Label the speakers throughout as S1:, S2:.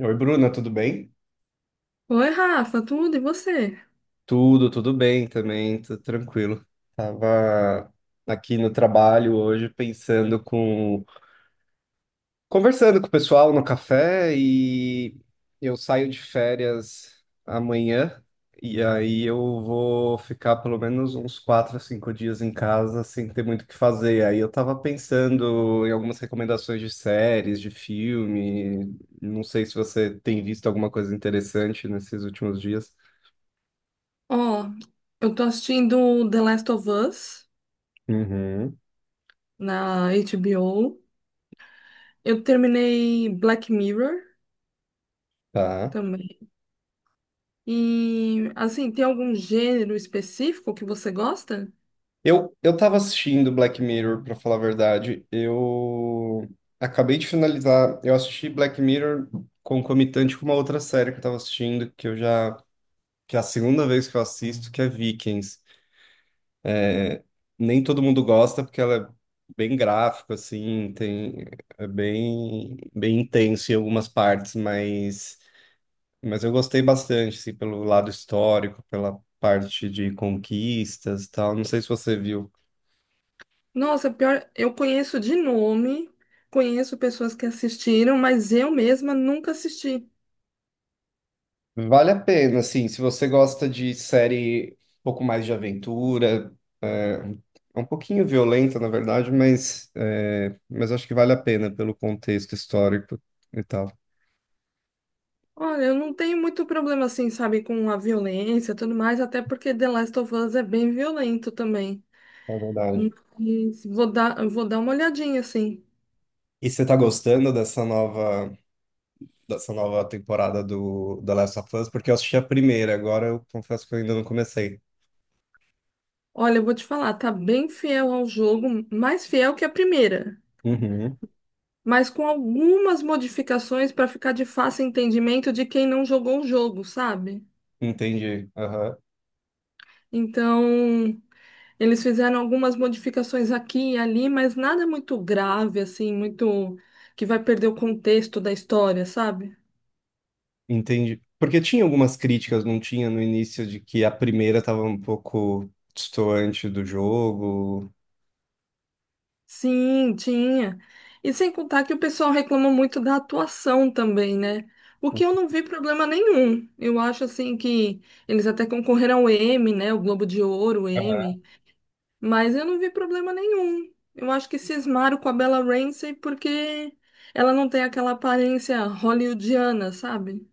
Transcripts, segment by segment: S1: Oi, Bruna, tudo bem?
S2: Oi, Rafa, tudo e você?
S1: Tudo, bem também, tudo tranquilo. Tava aqui no trabalho hoje conversando com o pessoal no café e eu saio de férias amanhã e aí eu vou ficar pelo menos uns quatro a cinco dias em casa sem ter muito o que fazer. Aí eu tava pensando em algumas recomendações de séries, de filme. Não sei se você tem visto alguma coisa interessante nesses últimos dias.
S2: Ó, eu tô assistindo The Last of Us
S1: Uhum.
S2: na HBO. Eu terminei Black Mirror
S1: Tá.
S2: também. E, assim, tem algum gênero específico que você gosta?
S1: Eu tava assistindo Black Mirror, pra falar a verdade. Eu acabei de finalizar. Eu assisti Black Mirror concomitante com uma outra série que eu tava assistindo, que é a segunda vez que eu assisto, que é Vikings. Nem todo mundo gosta, porque ela é bem gráfica, assim, tem, é bem, bem intenso em algumas partes, mas eu gostei bastante, assim, pelo lado histórico, pela parte de conquistas e tal. Não sei se você viu.
S2: Nossa, pior, eu conheço de nome, conheço pessoas que assistiram, mas eu mesma nunca assisti.
S1: Vale a pena, assim, se você gosta de série um pouco mais de aventura, é, é um pouquinho violenta, na verdade, mas, é, mas acho que vale a pena pelo contexto histórico e tal.
S2: Olha, eu não tenho muito problema, assim, sabe, com a violência e tudo mais, até porque The Last of Us é bem violento também.
S1: É verdade.
S2: Mas vou dar uma olhadinha assim.
S1: E você tá gostando dessa nova temporada do The Last of Us? Porque eu assisti a primeira, agora eu confesso que eu ainda não comecei.
S2: Olha, eu vou te falar, tá bem fiel ao jogo, mais fiel que a primeira,
S1: Uhum,
S2: mas com algumas modificações para ficar de fácil entendimento de quem não jogou o jogo, sabe?
S1: entendi.
S2: Então, eles fizeram algumas modificações aqui e ali, mas nada muito grave assim, muito que vai perder o contexto da história, sabe?
S1: Entendi. Porque tinha algumas críticas, não tinha no início, de que a primeira estava um pouco distoante do jogo.
S2: Sim, tinha. E sem contar que o pessoal reclama muito da atuação também, né? O que eu não vi problema nenhum. Eu acho assim que eles até concorreram ao Emmy, né? O Globo de Ouro, o Emmy. Mas eu não vi problema nenhum. Eu acho que cismaram com a Bella Ramsey porque ela não tem aquela aparência hollywoodiana, sabe?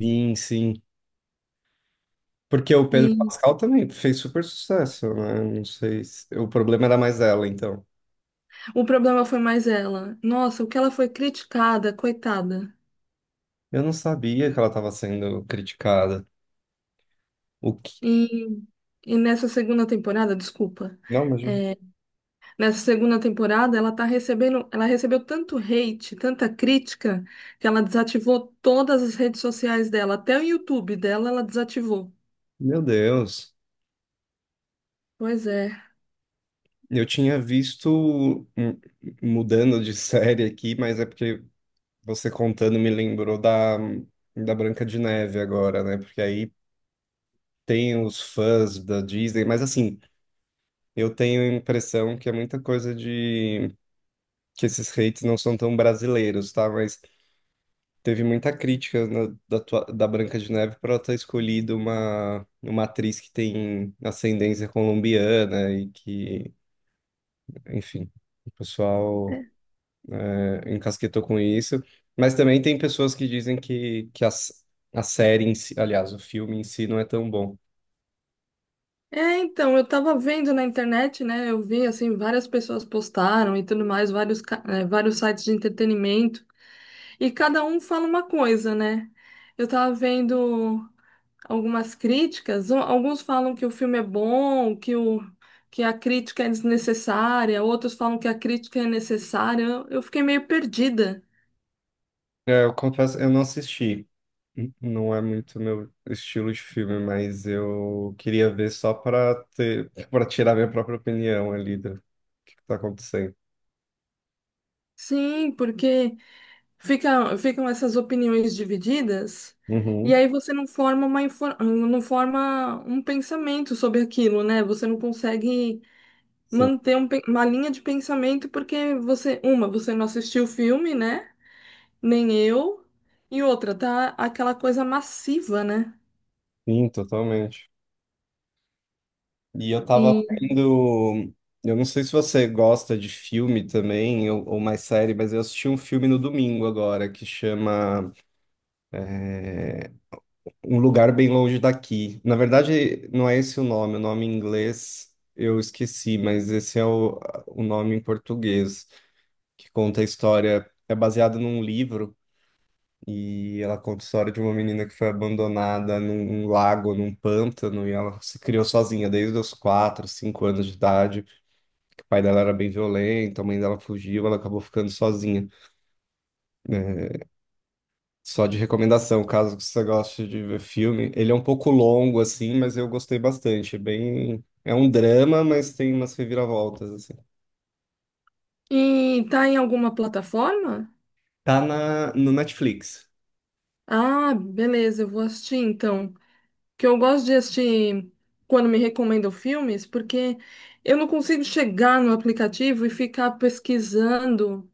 S1: Sim, sim. Porque o Pedro
S2: E
S1: Pascal também fez super sucesso, né? Não sei se... O problema era mais ela, então.
S2: o problema foi mais ela. Nossa, o que ela foi criticada, coitada.
S1: Eu não sabia que ela estava sendo criticada. O que...
S2: E, e nessa segunda temporada, desculpa.
S1: Não, mas...
S2: é, Nessa segunda temporada, ela tá recebendo, ela recebeu tanto hate, tanta crítica, que ela desativou todas as redes sociais dela, até o YouTube dela ela desativou.
S1: Meu Deus.
S2: Pois é.
S1: Eu tinha visto... hum, Mudando de série aqui, mas é porque você contando me lembrou da... da Branca de Neve agora, né? Porque aí tem os fãs da Disney, mas assim, eu tenho a impressão que é muita coisa de que esses hates não são tão brasileiros, tá? Mas teve muita crítica da Branca de Neve por ela ter escolhido uma atriz que tem ascendência colombiana e que, enfim, o pessoal é, encasquetou com isso. Mas também tem pessoas que dizem que a série em si, aliás, o filme em si não é tão bom.
S2: É, então, eu tava vendo na internet, né? Eu vi, assim, várias pessoas postaram e tudo mais, vários, vários sites de entretenimento, e cada um fala uma coisa, né? Eu tava vendo algumas críticas. Alguns falam que o filme é bom, que a crítica é desnecessária, outros falam que a crítica é necessária. Eu fiquei meio perdida.
S1: É, eu confesso, eu não assisti. Não é muito meu estilo de filme, mas eu queria ver só para tirar minha própria opinião ali do que tá acontecendo.
S2: Sim, porque ficam essas opiniões divididas. E
S1: Uhum,
S2: aí você não forma não forma um pensamento sobre aquilo, né? Você não consegue
S1: sim,
S2: manter uma linha de pensamento porque você, uma, você não assistiu o filme, né? Nem eu. E outra, tá aquela coisa massiva, né?
S1: sim, totalmente. E eu tava
S2: E,
S1: vendo, eu não sei se você gosta de filme também ou mais série, mas eu assisti um filme no domingo agora que chama Um lugar bem longe daqui. Na verdade, não é esse o nome em inglês eu esqueci, mas esse é o nome em português, que conta a história, é baseado num livro, e ela conta a história de uma menina que foi abandonada num lago, num pântano, e ela se criou sozinha desde os quatro, cinco anos de idade. O pai dela era bem violento, a mãe dela fugiu, ela acabou ficando sozinha, né? Só de recomendação, caso você goste de ver filme. Ele é um pouco longo, assim, mas eu gostei bastante. É bem... É um drama, mas tem umas reviravoltas, assim.
S2: e tá em alguma plataforma?
S1: Tá na... no Netflix.
S2: Ah, beleza, eu vou assistir então. Que eu gosto de assistir quando me recomendam filmes, porque eu não consigo chegar no aplicativo e ficar pesquisando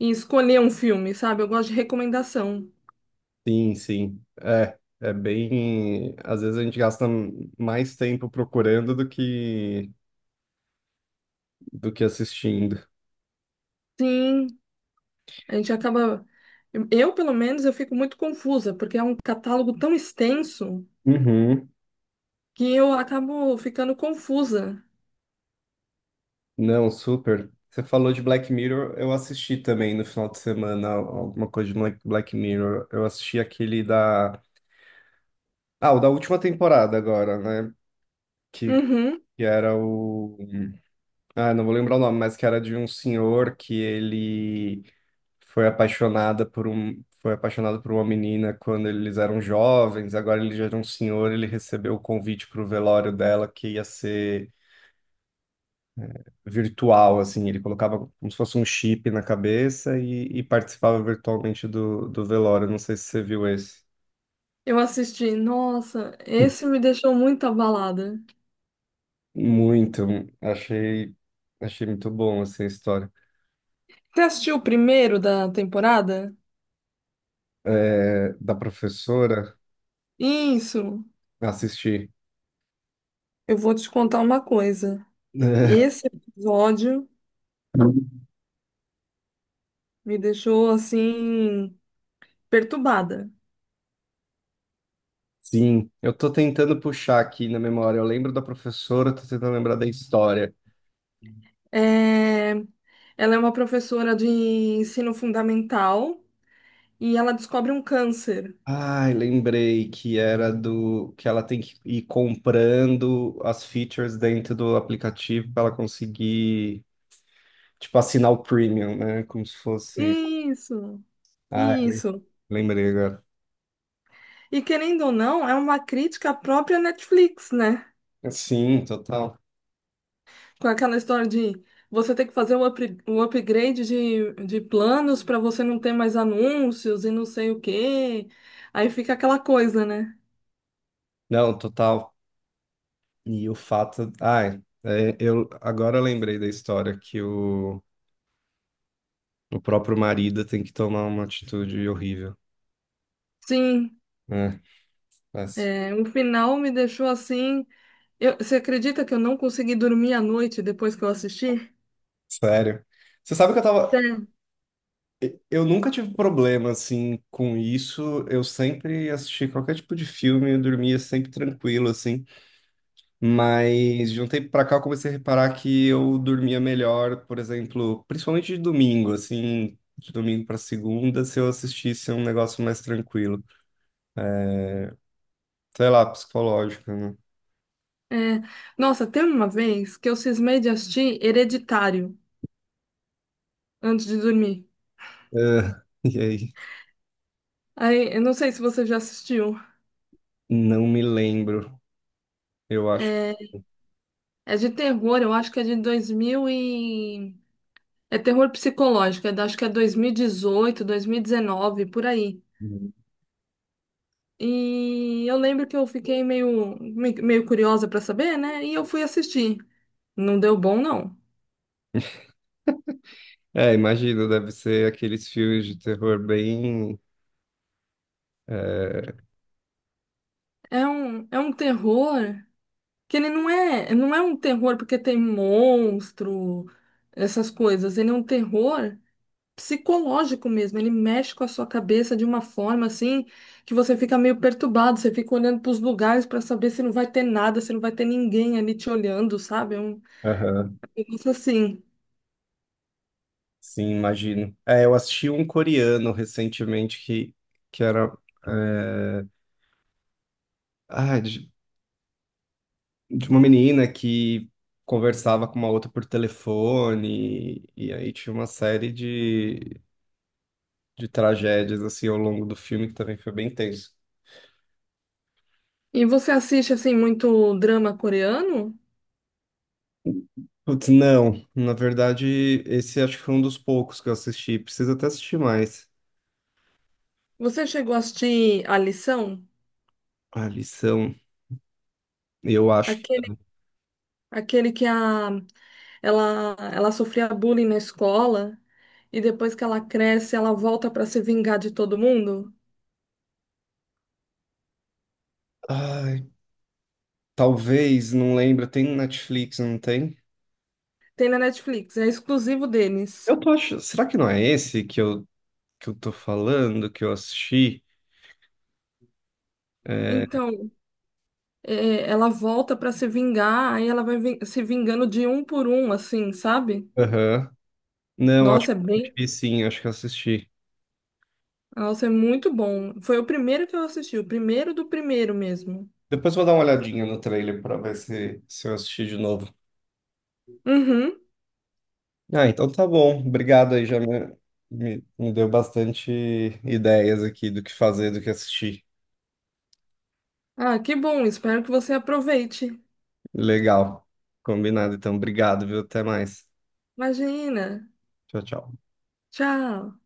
S2: e escolher um filme, sabe? Eu gosto de recomendação.
S1: Sim, sim. É, é bem... Às vezes a gente gasta mais tempo procurando do que assistindo.
S2: Sim, a gente acaba. Eu, pelo menos, eu fico muito confusa, porque é um catálogo tão extenso
S1: Uhum.
S2: que eu acabo ficando confusa.
S1: Não, super. Você falou de Black Mirror, eu assisti também no final de semana alguma coisa de Black Mirror. Eu assisti aquele da... Ah, o da última temporada agora, né? que,
S2: Uhum.
S1: que era o. Ah, não vou lembrar o nome, mas que era de um senhor que ele foi apaixonada por um. Foi apaixonado por uma menina quando eles eram jovens, agora ele já era um senhor, ele recebeu o convite para o velório dela que ia ser virtual, assim, ele colocava como se fosse um chip na cabeça e participava virtualmente do velório. Não sei se você viu esse.
S2: Eu assisti, nossa, esse me deixou muito abalada.
S1: Muito, achei, achei muito bom, assim, a história.
S2: Você assistiu o primeiro da temporada?
S1: É, da professora.
S2: Isso,
S1: Assisti.
S2: eu vou te contar uma coisa.
S1: É,
S2: Esse episódio me deixou assim, perturbada.
S1: Sim, eu tô tentando puxar aqui na memória. Eu lembro da professora, tô tentando lembrar da história.
S2: É, ela é uma professora de ensino fundamental e ela descobre um câncer.
S1: Ai, lembrei que era do que ela tem que ir comprando as features dentro do aplicativo para ela conseguir, tipo, assinar o premium, né? Como se fosse.
S2: Isso,
S1: Ai, lem-
S2: isso.
S1: lembrei agora.
S2: E querendo ou não, é uma crítica à própria Netflix, né?
S1: Sim, total.
S2: Com aquela história de você ter que fazer um upgrade de planos para você não ter mais anúncios e não sei o quê. Aí fica aquela coisa, né?
S1: Não, total. E o fato. Ai, é, eu lembrei da história que o O próprio marido tem que tomar uma atitude horrível.
S2: Sim,
S1: É, mas,
S2: é, o final me deixou assim. Eu, você acredita que eu não consegui dormir à noite depois que eu assisti?
S1: sério. Você sabe que eu
S2: É,
S1: tava. Eu nunca tive problema, assim, com isso. Eu sempre assisti qualquer tipo de filme, eu dormia sempre tranquilo, assim. Mas de um tempo pra cá eu comecei a reparar que eu dormia melhor, por exemplo, principalmente de domingo, assim, de domingo pra segunda, se eu assistisse um negócio mais tranquilo. Sei lá, psicológico, né?
S2: é. Nossa, teve uma vez que eu cismei de assistir Hereditário antes de dormir.
S1: É, e aí?
S2: Aí, eu não sei se você já assistiu.
S1: Não me lembro, eu acho.
S2: É, é de terror, eu acho que é de 2000 e É terror psicológico, acho que é 2018, 2019, por aí. E eu lembro que eu fiquei meio curiosa pra saber, né? E eu fui assistir. Não deu bom, não.
S1: É, imagino, deve ser aqueles filmes de terror bem.
S2: É um terror que ele não é, não é um terror porque tem monstro, essas coisas. Ele é um terror psicológico mesmo. Ele mexe com a sua cabeça de uma forma assim que você fica meio perturbado, você fica olhando para os lugares para saber se não vai ter nada, se não vai ter ninguém ali te olhando, sabe? É um
S1: Aham,
S2: Eu gosto assim.
S1: sim, imagino. É, eu assisti um coreano recentemente que era é, ah, de, de uma menina que conversava com uma outra por telefone, e, aí tinha uma série de tragédias assim ao longo do filme que também foi bem tenso.
S2: E você assiste assim muito drama coreano?
S1: Putz, não, na verdade, esse acho que foi um dos poucos que eu assisti. Preciso até assistir mais.
S2: Você chegou a assistir A Lição?
S1: A lição, eu acho.
S2: Aquele, aquele que a, ela sofria bullying na escola e depois que ela cresce, ela volta para se vingar de todo mundo?
S1: Ai, talvez, não lembro, tem no Netflix, não tem?
S2: Tem na Netflix, é exclusivo deles.
S1: Eu tô achando. Será que não é esse que eu tô falando, que eu assisti? É,
S2: Então, é, ela volta para se vingar, aí ela se vingando de um por um, assim, sabe?
S1: aham. Não, acho
S2: Nossa,
S1: que
S2: é
S1: eu
S2: bem.
S1: assisti sim, acho que eu assisti.
S2: Nossa, é muito bom. Foi o primeiro que eu assisti, o primeiro do primeiro mesmo.
S1: Depois vou dar uma olhadinha no trailer pra ver se eu assisti de novo.
S2: Uhum.
S1: Ah, então tá bom. Obrigado aí, me deu bastante ideias aqui do que fazer, do que assistir.
S2: Ah, que bom. Espero que você aproveite.
S1: Legal. Combinado, então. Obrigado, viu? Até mais.
S2: Imagina.
S1: Tchau, tchau.
S2: Tchau.